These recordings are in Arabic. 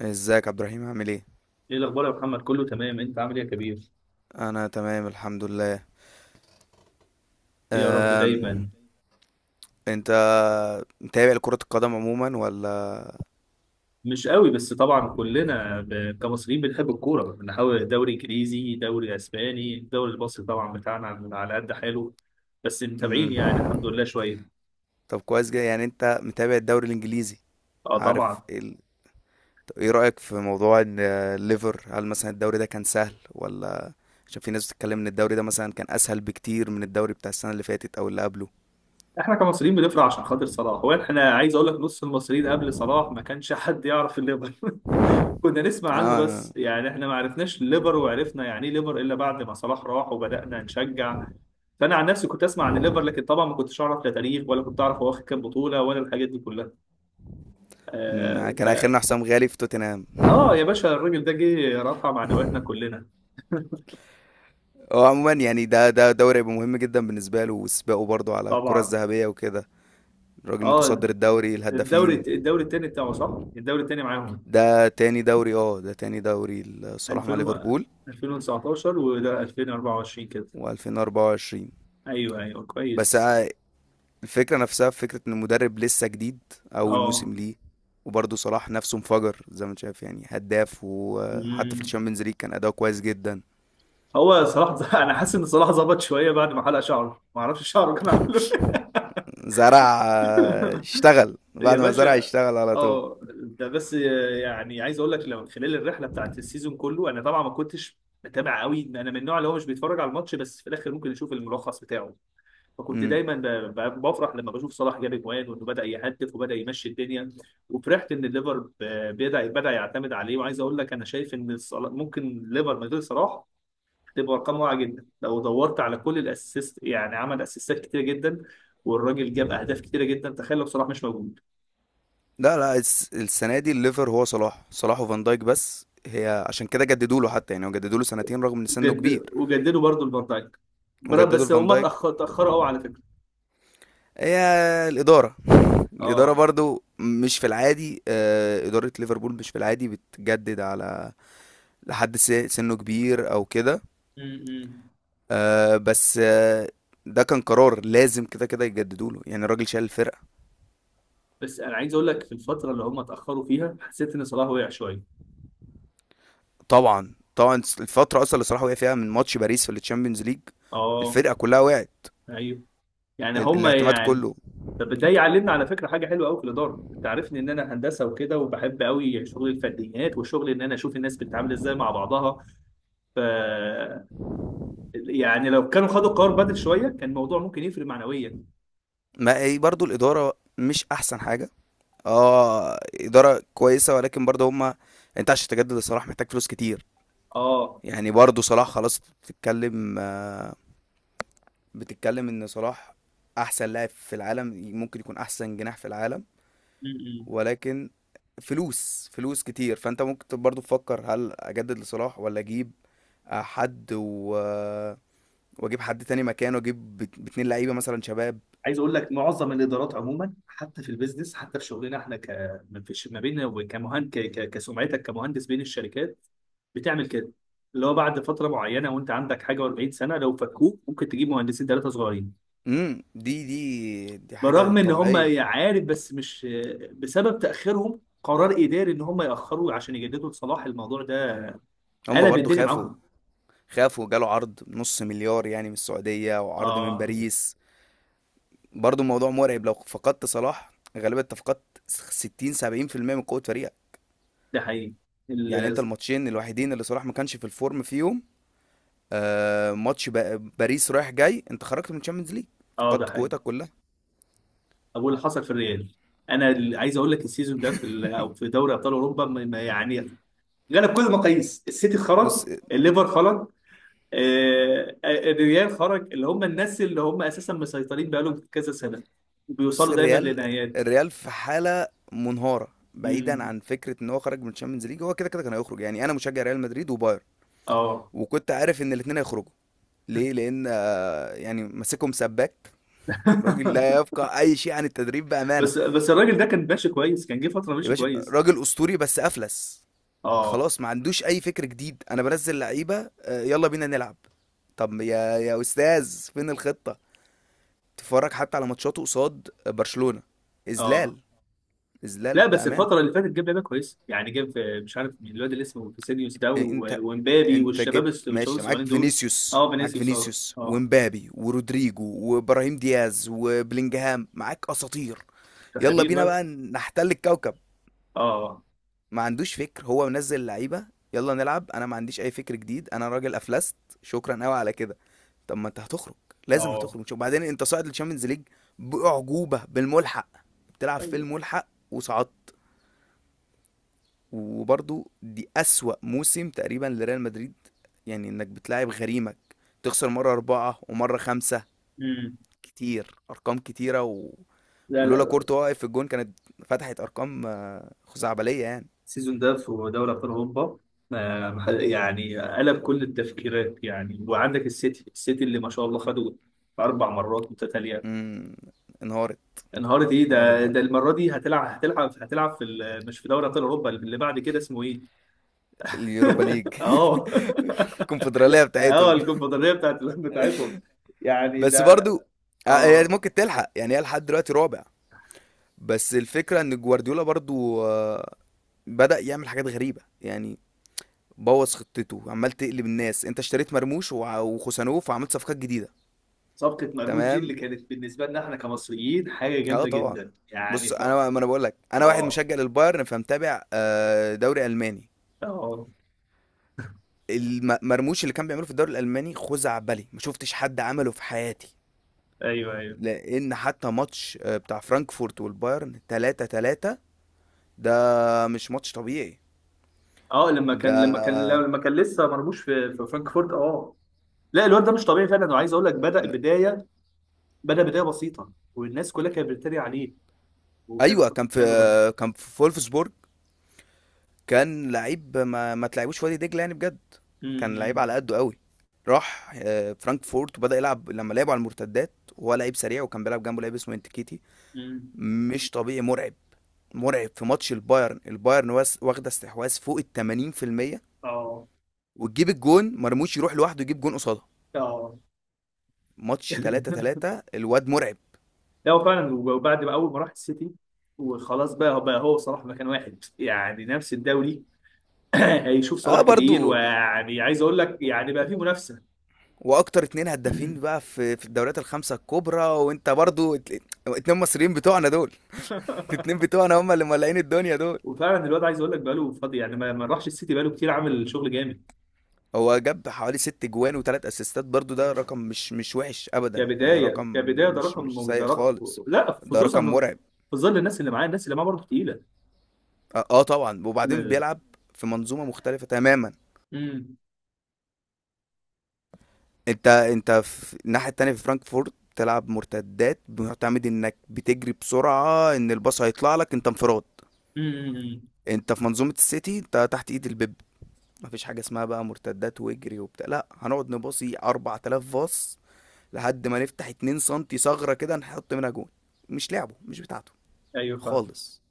ازيك عبد الرحيم؟ عامل ايه؟ ايه الاخبار يا محمد؟ كله تمام؟ انت عامل ايه يا كبير؟ انا تمام الحمد لله. ايه يا رب، أم... دايما. انت متابع لكرة القدم عموما ولا؟ مش قوي، بس طبعا كلنا كمصريين بنحب الكوره، بنحاول دوري انجليزي، دوري اسباني، الدوري المصري طبعا بتاعنا على قد حاله. بس متابعين مم. يعني الحمد لله شويه. طب كويس جدا، يعني انت متابع الدوري الانجليزي. اه، عارف طبعا. ال... طب ايه رأيك في موضوع ان الليفر، هل مثلا الدوري ده كان سهل ولا؟ عشان في ناس بتتكلم ان الدوري ده مثلا كان اسهل بكتير من الدوري بتاع السنة اللي فاتت او اللي قبله. احنا كمصريين بنفرح عشان خاطر صلاح. هو احنا عايز اقول لك، نص المصريين قبل صلاح ما كانش حد يعرف الليفر. كنا نسمع عنه اه. بس، يعني احنا ما عرفناش ليفر، وعرفنا يعني ايه ليفر الا بعد ما صلاح راح وبدأنا نشجع. فانا عن نفسي كنت اسمع عن الليفر، لكن طبعا ما كنتش اعرف لا تاريخ، ولا كنت اعرف هو واخد كام بطولة، ولا الحاجات دي كلها. آه ف كان اخرنا حسام غالي في توتنهام. اه، يا باشا، الراجل ده جه رفع معنوياتنا كلنا. هو عموما يعني ده دوري هيبقى مهم جدا بالنسبة له، وسباقه برضه على الكرة طبعا. الذهبية وكده. الراجل اه. متصدر الدوري الدوري الهدافين. الدوري الثاني بتاعه، صح. الدوري الثاني معاهم. ده تاني دوري، اه، ده تاني دوري الصراحة مع 2000 ليفربول. 2019، وده 2024 كده. و2024. ايوه، ايوه، بس كويس. الفكرة نفسها، في فكرة ان المدرب لسه جديد، اول اه. موسم ليه. وبرضه صلاح نفسه انفجر زي ما انت شايف، يعني هداف، وحتى في الشامبيونز ليج كان اداؤه كويس جدا. هو صلاح انا حاسس ان صلاح ظبط شويه بعد ما حلق شعره. ما اعرفش شعره كان عامله. زرع، اشتغل إيه يا بعد ما زرع، باشا. اشتغل على طول. اه، ده بس. يعني عايز اقول لك، لو خلال الرحله بتاعت السيزون كله انا طبعا ما كنتش متابع قوي. انا من النوع اللي هو مش بيتفرج على الماتش، بس في الاخر ممكن يشوف الملخص بتاعه. فكنت مم. دايما بفرح لما بشوف صلاح جاب اجوان، وانه بدا يهدف وبدا يمشي الدنيا. وفرحت ان الليفر بدا يعتمد عليه. وعايز اقول لك، انا شايف ان ممكن الليفر من غير صلاح تبقى ارقام واعيه جدا. لو دورت على كل الاسيست، يعني عمل اسيستات كتيره جدا، والراجل جاب اهداف كتيره جدا. تخيل لو صلاح مش موجود. لا لا، السنة دي الليفر هو صلاح، صلاح وفان دايك بس. هي عشان كده جددوا له، حتى يعني هو جددوا له سنتين رغم ان سنه كبير. وجد... وجددوا برضه لفان دايك. وجددوا بس لفان هما دايك. اتاخروا قوي على فكره. هي الإدارة الإدارة اه. برضو مش في العادي، إدارة ليفربول مش في العادي بتجدد على لحد سنه كبير أو كده. امم آه، بس آه، ده كان قرار لازم كده كده يجددوا له، يعني الراجل شال الفرقة. بس انا عايز اقول لك، في الفتره اللي هما اتاخروا فيها حسيت ان صلاح وقع شويه. طبعا طبعا. الفترة أصلا اللي صلاح وقع فيها من ماتش باريس في التشامبيونز ليج، اه. الفرقة كلها وقعت. ايوه، يعني هما الاعتماد يعني. كله. طب ده يعلمنا على فكره حاجه حلوه قوي في الاداره. انت عارفني ان انا هندسه وكده، وبحب قوي شغل الفرديات، وشغل ان انا اشوف الناس بتتعامل ازاي مع بعضها. ف يعني لو كانوا خدوا قرار بدل شويه كان الموضوع ممكن يفرق معنويا. ما هي برضو الإدارة مش أحسن حاجة. اه، اداره كويسه ولكن برضه هما. انت عشان تجدد لصلاح محتاج فلوس كتير. اه. يعني برضه صلاح خلاص بتتكلم ان صلاح احسن لاعب في العالم، ممكن يكون احسن جناح في العالم. م-م. ولكن فلوس، فلوس كتير، فانت ممكن برضه تفكر هل اجدد لصلاح ولا اجيب آه، حد و... آه، واجيب حد تاني مكانه، اجيب باتنين لعيبه مثلا شباب. عايز اقول لك، معظم الادارات عموما، حتى في البيزنس، حتى في شغلنا احنا ما بيننا وكمهن كسمعتك كمهندس بين الشركات بتعمل كده. اللي هو بعد فتره معينه وانت عندك حاجه و40 سنه، لو فكوك ممكن تجيب مهندسين ثلاثه صغيرين. دي حاجه بالرغم ان هم، طبيعيه. عارف، بس مش بسبب تاخيرهم. قرار اداري ان هم ياخروا عشان يجددوا لصلاح الموضوع ده هما قلب برضه الدنيا خافوا. معاهم. خاف وجاله عرض نص مليار يعني من السعودية، وعرض من اه، باريس. برضو الموضوع مرعب، لو فقدت صلاح غالبا انت فقدت 60 70% من قوة فريقك. ده حقيقي. يعني انت الماتشين الوحيدين اللي صلاح ما كانش في الفورم فيهم، ماتش باريس رايح جاي، انت خرجت من الشامبيونز ليج، اه، ده فقدت حقيقي. قوتك كلها. اقول اللي حصل في الريال. انا اللي عايز اقول لك، السيزون ده أو في دوري ابطال اوروبا ما يعني غلب كل المقاييس. السيتي بص خرج، الليفر خرج، الريال خرج. اللي هم الناس اللي هم اساسا مسيطرين بقالهم كذا سنه بص، وبيوصلوا دايما الريال، لنهايات. الريال في حالة منهارة. بعيدا امم عن فكرة ان هو خرج من الشامبيونز ليج، هو كده كده كان هيخرج. يعني انا مشجع ريال مدريد وبايرن، اه. وكنت عارف ان الاتنين هيخرجوا. ليه؟ لان يعني ماسكهم سباك، راجل لا يفقه اي شيء عن التدريب بامانه. بس الراجل ده كان ماشي كويس، كان جه فتره يا ماشي باشا كويس. راجل اسطوري بس افلس. اه، خلاص ما عندوش اي فكر جديد، انا بنزل لعيبه، يلا بينا نلعب. طب يا يا استاذ فين الخطه؟ تتفرج حتى على ماتشاته قصاد برشلونه، اه. اذلال. اذلال لا بس بامانه. الفترة اللي فاتت جاب لعيبة كويسة. يعني جاب، مش عارف مين الواد اللي اسمه فيسينيوس ده انت ومبابي انت جبت والشباب ماشي، معاك الصغيرين دول. فينيسيوس، اه معاك فينيسيوس، اه، فينيسيوس اه. ومبابي ورودريجو وابراهيم دياز وبلينجهام، معاك اساطير. ده يلا خبير بينا بقى. بقى نحتل الكوكب. اه، ما عندوش فكر، هو منزل لعيبه، يلا نلعب، انا ما عنديش اي فكر جديد، انا راجل افلست. شكرا قوي على كده. طب ما انت هتخرج، لازم اه. هتخرج، مش وبعدين انت صاعد للشامبيونز ليج باعجوبه بالملحق، بتلعب في طيب. الملحق وصعدت. وبرضو دي اسوأ موسم تقريبا لريال مدريد، يعني انك بتلاعب غريمك تخسر مره اربعه ومره خمسه، امم كتير ارقام كتيره و... لا، ولولا لا. كورتوا واقف في الجون كانت فتحت ارقام خزعبليه يعني. السيزون ده في دوري ابطال اوروبا يعني قلب كل التفكيرات. يعني وعندك السيتي اللي ما شاء الله خدوا اربع مرات متتاليه. امم انهارت. انهارت. ايه انهارت ده برضه. المره دي هتلعب مش في دوري ابطال اوروبا. اللي بعد كده اسمه ايه؟ اليوروبا ليج. اه. الكونفدراليه اه، بتاعتهم. الكونفدراليه بتاعتهم. يعني بس ده. برضو هي اه. ممكن تلحق يعني، هي لحد دلوقتي رابع. بس الفكره ان جوارديولا برضو بدأ يعمل حاجات غريبه يعني، بوظ خطته، عمال تقلب الناس، انت اشتريت مرموش وع- وخوسانوف وعملت صفقات جديده. صفقه مرموش دي تمام. اللي كانت بالنسبه لنا احنا كمصريين حاجه اه جامده طبعا. جدا. يعني بص، انا ما انا بقول لك انا واحد اه، مشجع للبايرن، فمتابع دوري الماني. اه. المرموش اللي كان بيعمله في الدوري الالماني خزعبلي، ما شفتش حد عمله في حياتي. ايوه، ايوه. لان حتى ماتش بتاع فرانكفورت والبايرن 3-3، ده مش ماتش طبيعي. اه، لما كان، لما كان ده لما كان لسه مرموش في فرانكفورت، اه. لا الواد ده مش طبيعي فعلا. انا عايز اقول لك، بدا م- بدايه، بدا بدايه بسيطه، والناس كلها كانت بتتريق عليه. وكانوا، ايوه، كان في، كانوا كان في فولفسبورج، كان لعيب ما تلعبوش في وادي دجله يعني بجد، كان لعيب امم على قده قوي. راح فرانكفورت وبدأ يلعب لما لعبوا على المرتدات. هو لعيب سريع، وكان بيلعب جنبه لعيب اسمه انتكيتي، امم مش طبيعي، مرعب. مرعب. في ماتش البايرن، البايرن واخده استحواذ فوق ال 80%، اه، وتجيب الجون، مرموش يروح لوحده يجيب جون قصادها. اه. ماتش 3 3 الواد مرعب. لا هو فعلا. وبعد ما، اول ما راح السيتي، وخلاص بقى هو صلاح مكان واحد يعني نفس الدوري. هيشوف صلاح اه كتير. برضو، ويعني عايز اقول لك يعني، بقى في منافسه. واكتر اتنين هدافين بقى في الدوريات الخمسه الكبرى. وانت برضو اتنين مصريين بتوعنا دول، الاتنين بتوعنا هم اللي مولعين الدنيا دول. وفعلا الواد، عايز اقول لك بقى له فاضي، يعني ما راحش السيتي. بقى له كتير عامل شغل جامد. هو جاب حوالي ست جوان وتلات اسيستات برضو، ده رقم مش وحش ابدا، رقم كبدايه ده مش رقم ده سيء رقم خالص، لا، ده رقم خصوصا مرعب. في ظل الناس اللي معاه برضه تقيله. اه طبعا. وبعدين امم بيلعب في منظومه مختلفه تماما. امم انت في الناحيه التانيه، في فرانكفورت بتلعب مرتدات، بتعتمد انك بتجري بسرعه، ان الباص هيطلع لك انت انفراد. أمم. انت في منظومه السيتي، انت تحت ايد البيب، مفيش حاجه اسمها بقى مرتدات واجري وبتاع، لا هنقعد نباصي 4000 باص لحد ما نفتح 2 سم ثغره كده نحط منها جون. مش لعبه، مش بتاعته ايوه فاهم. خالص.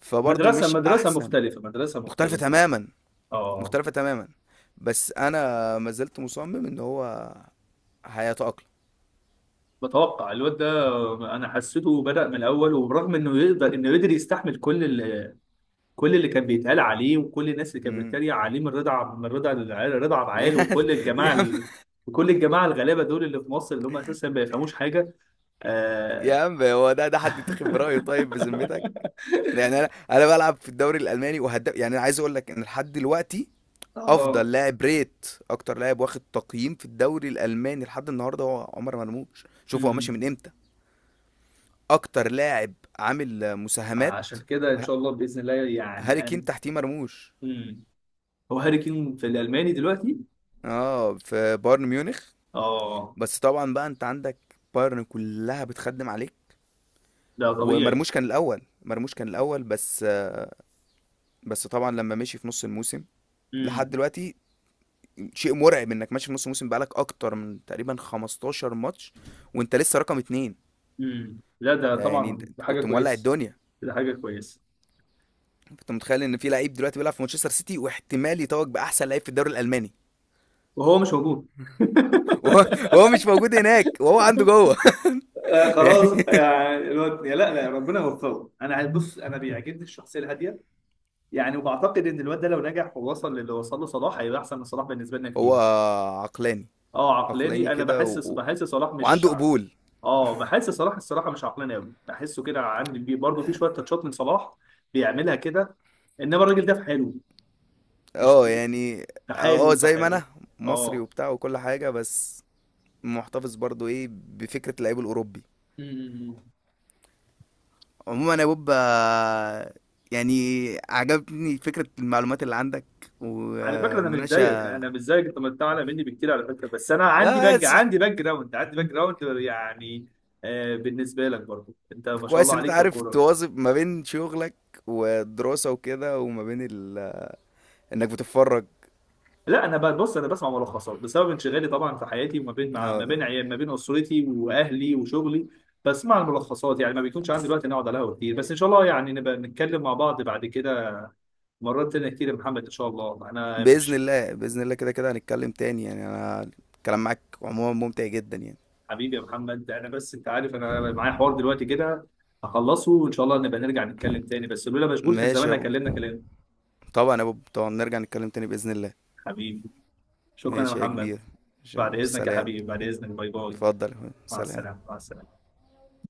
فبرضه مدرسه مش مدرسه احسن، مختلفه، مدرسه مختلفه مختلفه. تماما، اه. مختلفه تماما. بس انا ما زلت مصمم ان هو هيتأقلم. بتوقع الواد ده انا حسيته بدأ من الاول. وبرغم انه يقدر يستحمل كل كل اللي كان بيتقال عليه، وكل الناس اللي كانت مم. بتتريق عليه، رضا عبد العال، يعني وكل الجماعه الغلابه دول اللي في مصر، اللي هم اساسا ما بيفهموش حاجه. يا اه. عم، هو ده حد يتاخد برأيه طيب بذمتك؟ يعني انا انا بلعب في الدوري الالماني وهداف، يعني انا عايز اقول لك ان لحد دلوقتي افضل آه. لاعب ريت، اكتر لاعب واخد تقييم في الدوري الالماني لحد النهارده هو عمر مرموش. شوف هو ماشي من أمم. امتى. اكتر لاعب عامل مساهمات. عشان كده ان ه- شاء الله باذن الله، هاري يعني كين ان، تحتيه مرموش. أمم. هو هاري كين في الالماني دلوقتي؟ اه، في بايرن ميونخ. اه. بس طبعا بقى انت عندك بايرن كلها بتخدم عليك. ده طبيعي. ومرموش كان الاول، مرموش كان الاول. بس بس طبعا لما مشي في نص الموسم لحد دلوقتي، شيء مرعب انك ماشي في نص موسم بقالك اكتر من تقريبا 15 ماتش وانت لسه رقم اتنين. لا ده ده يعني انت، طبعا، أنت ده حاجة كنت مولع كويسة. الدنيا. ده حاجة كويسة. انت متخيل ان في لعيب دلوقتي بيلعب في مانشستر سيتي واحتمال يتوج باحسن لعيب في الدوري الالماني، وهو مش موجود. وهو وهو مش موجود هناك وهو عنده جوه. خلاص، يعني يعني الواد، يا لا لا، ربنا يوفقه. انا، بص، انا بيعجبني الشخصيه الهاديه. يعني وبعتقد ان الواد ده لو نجح ووصل للي وصل له صلاح، هيبقى احسن من صلاح بالنسبه لنا هو كتير. عقلاني، اه، عقلاني عقلاني. انا كده بحس بحس صلاح مش وعنده قبول. اه، بحس صلاح الصراحه مش عقلاني قوي. بحسه كده عندي. بي برضه في شويه تاتشات من صلاح بيعملها كده. انما الراجل ده في حاله. مش اه بي- يعني، في اه حاله، في زي ما حاله. انا مصري اه. وبتاع وكل حاجه، بس محتفظ برضو ايه بفكره اللعيب الاوروبي. مم. عموما يا بوب، يعني عجبتني فكرة المعلومات اللي عندك على فكره انا مش زيك. ومناقشة. اعلى مني بكتير على فكره. بس انا عندي لا باك س- عندي باك جراوند عندي باك جراوند يعني. بالنسبه لك برضو انت ما شاء كويس الله ان انت عليك في عارف الكوره. تواظب ما بين شغلك والدراسة وكده وما بين انك بتتفرج. لا انا بقى، بص، انا بسمع ملخصات بسبب انشغالي طبعا في حياتي، وما بين اه ما ده. بين عيال، ما بين اسرتي واهلي وشغلي. بسمع الملخصات. يعني ما بيكونش عندي وقت اني اقعد على القهوه كتير. بس ان شاء الله يعني نبقى نتكلم مع بعض بعد كده مرات تانية كتير يا محمد، ان شاء الله. انا بإذن مش، الله، بإذن الله، كده كده هنتكلم تاني. يعني انا الكلام معاك عموما ممتع جدا يعني. حبيبي يا محمد، انا بس انت عارف انا معايا حوار دلوقتي كده هخلصه، وان شاء الله نبقى نرجع نتكلم تاني. بس لولا مشغول كان ماشي يا زماننا بوب. كلمنا كلام. طبعا يا بوب، طبعا نرجع نتكلم تاني بإذن الله. حبيبي، شكرا يا ماشي يا محمد. كبير. شو بعد اذنك يا سلام. حبيبي، بعد اذنك، باي باي. اتفضل يا أخويا. مع السلامه، سلام. مع السلامه.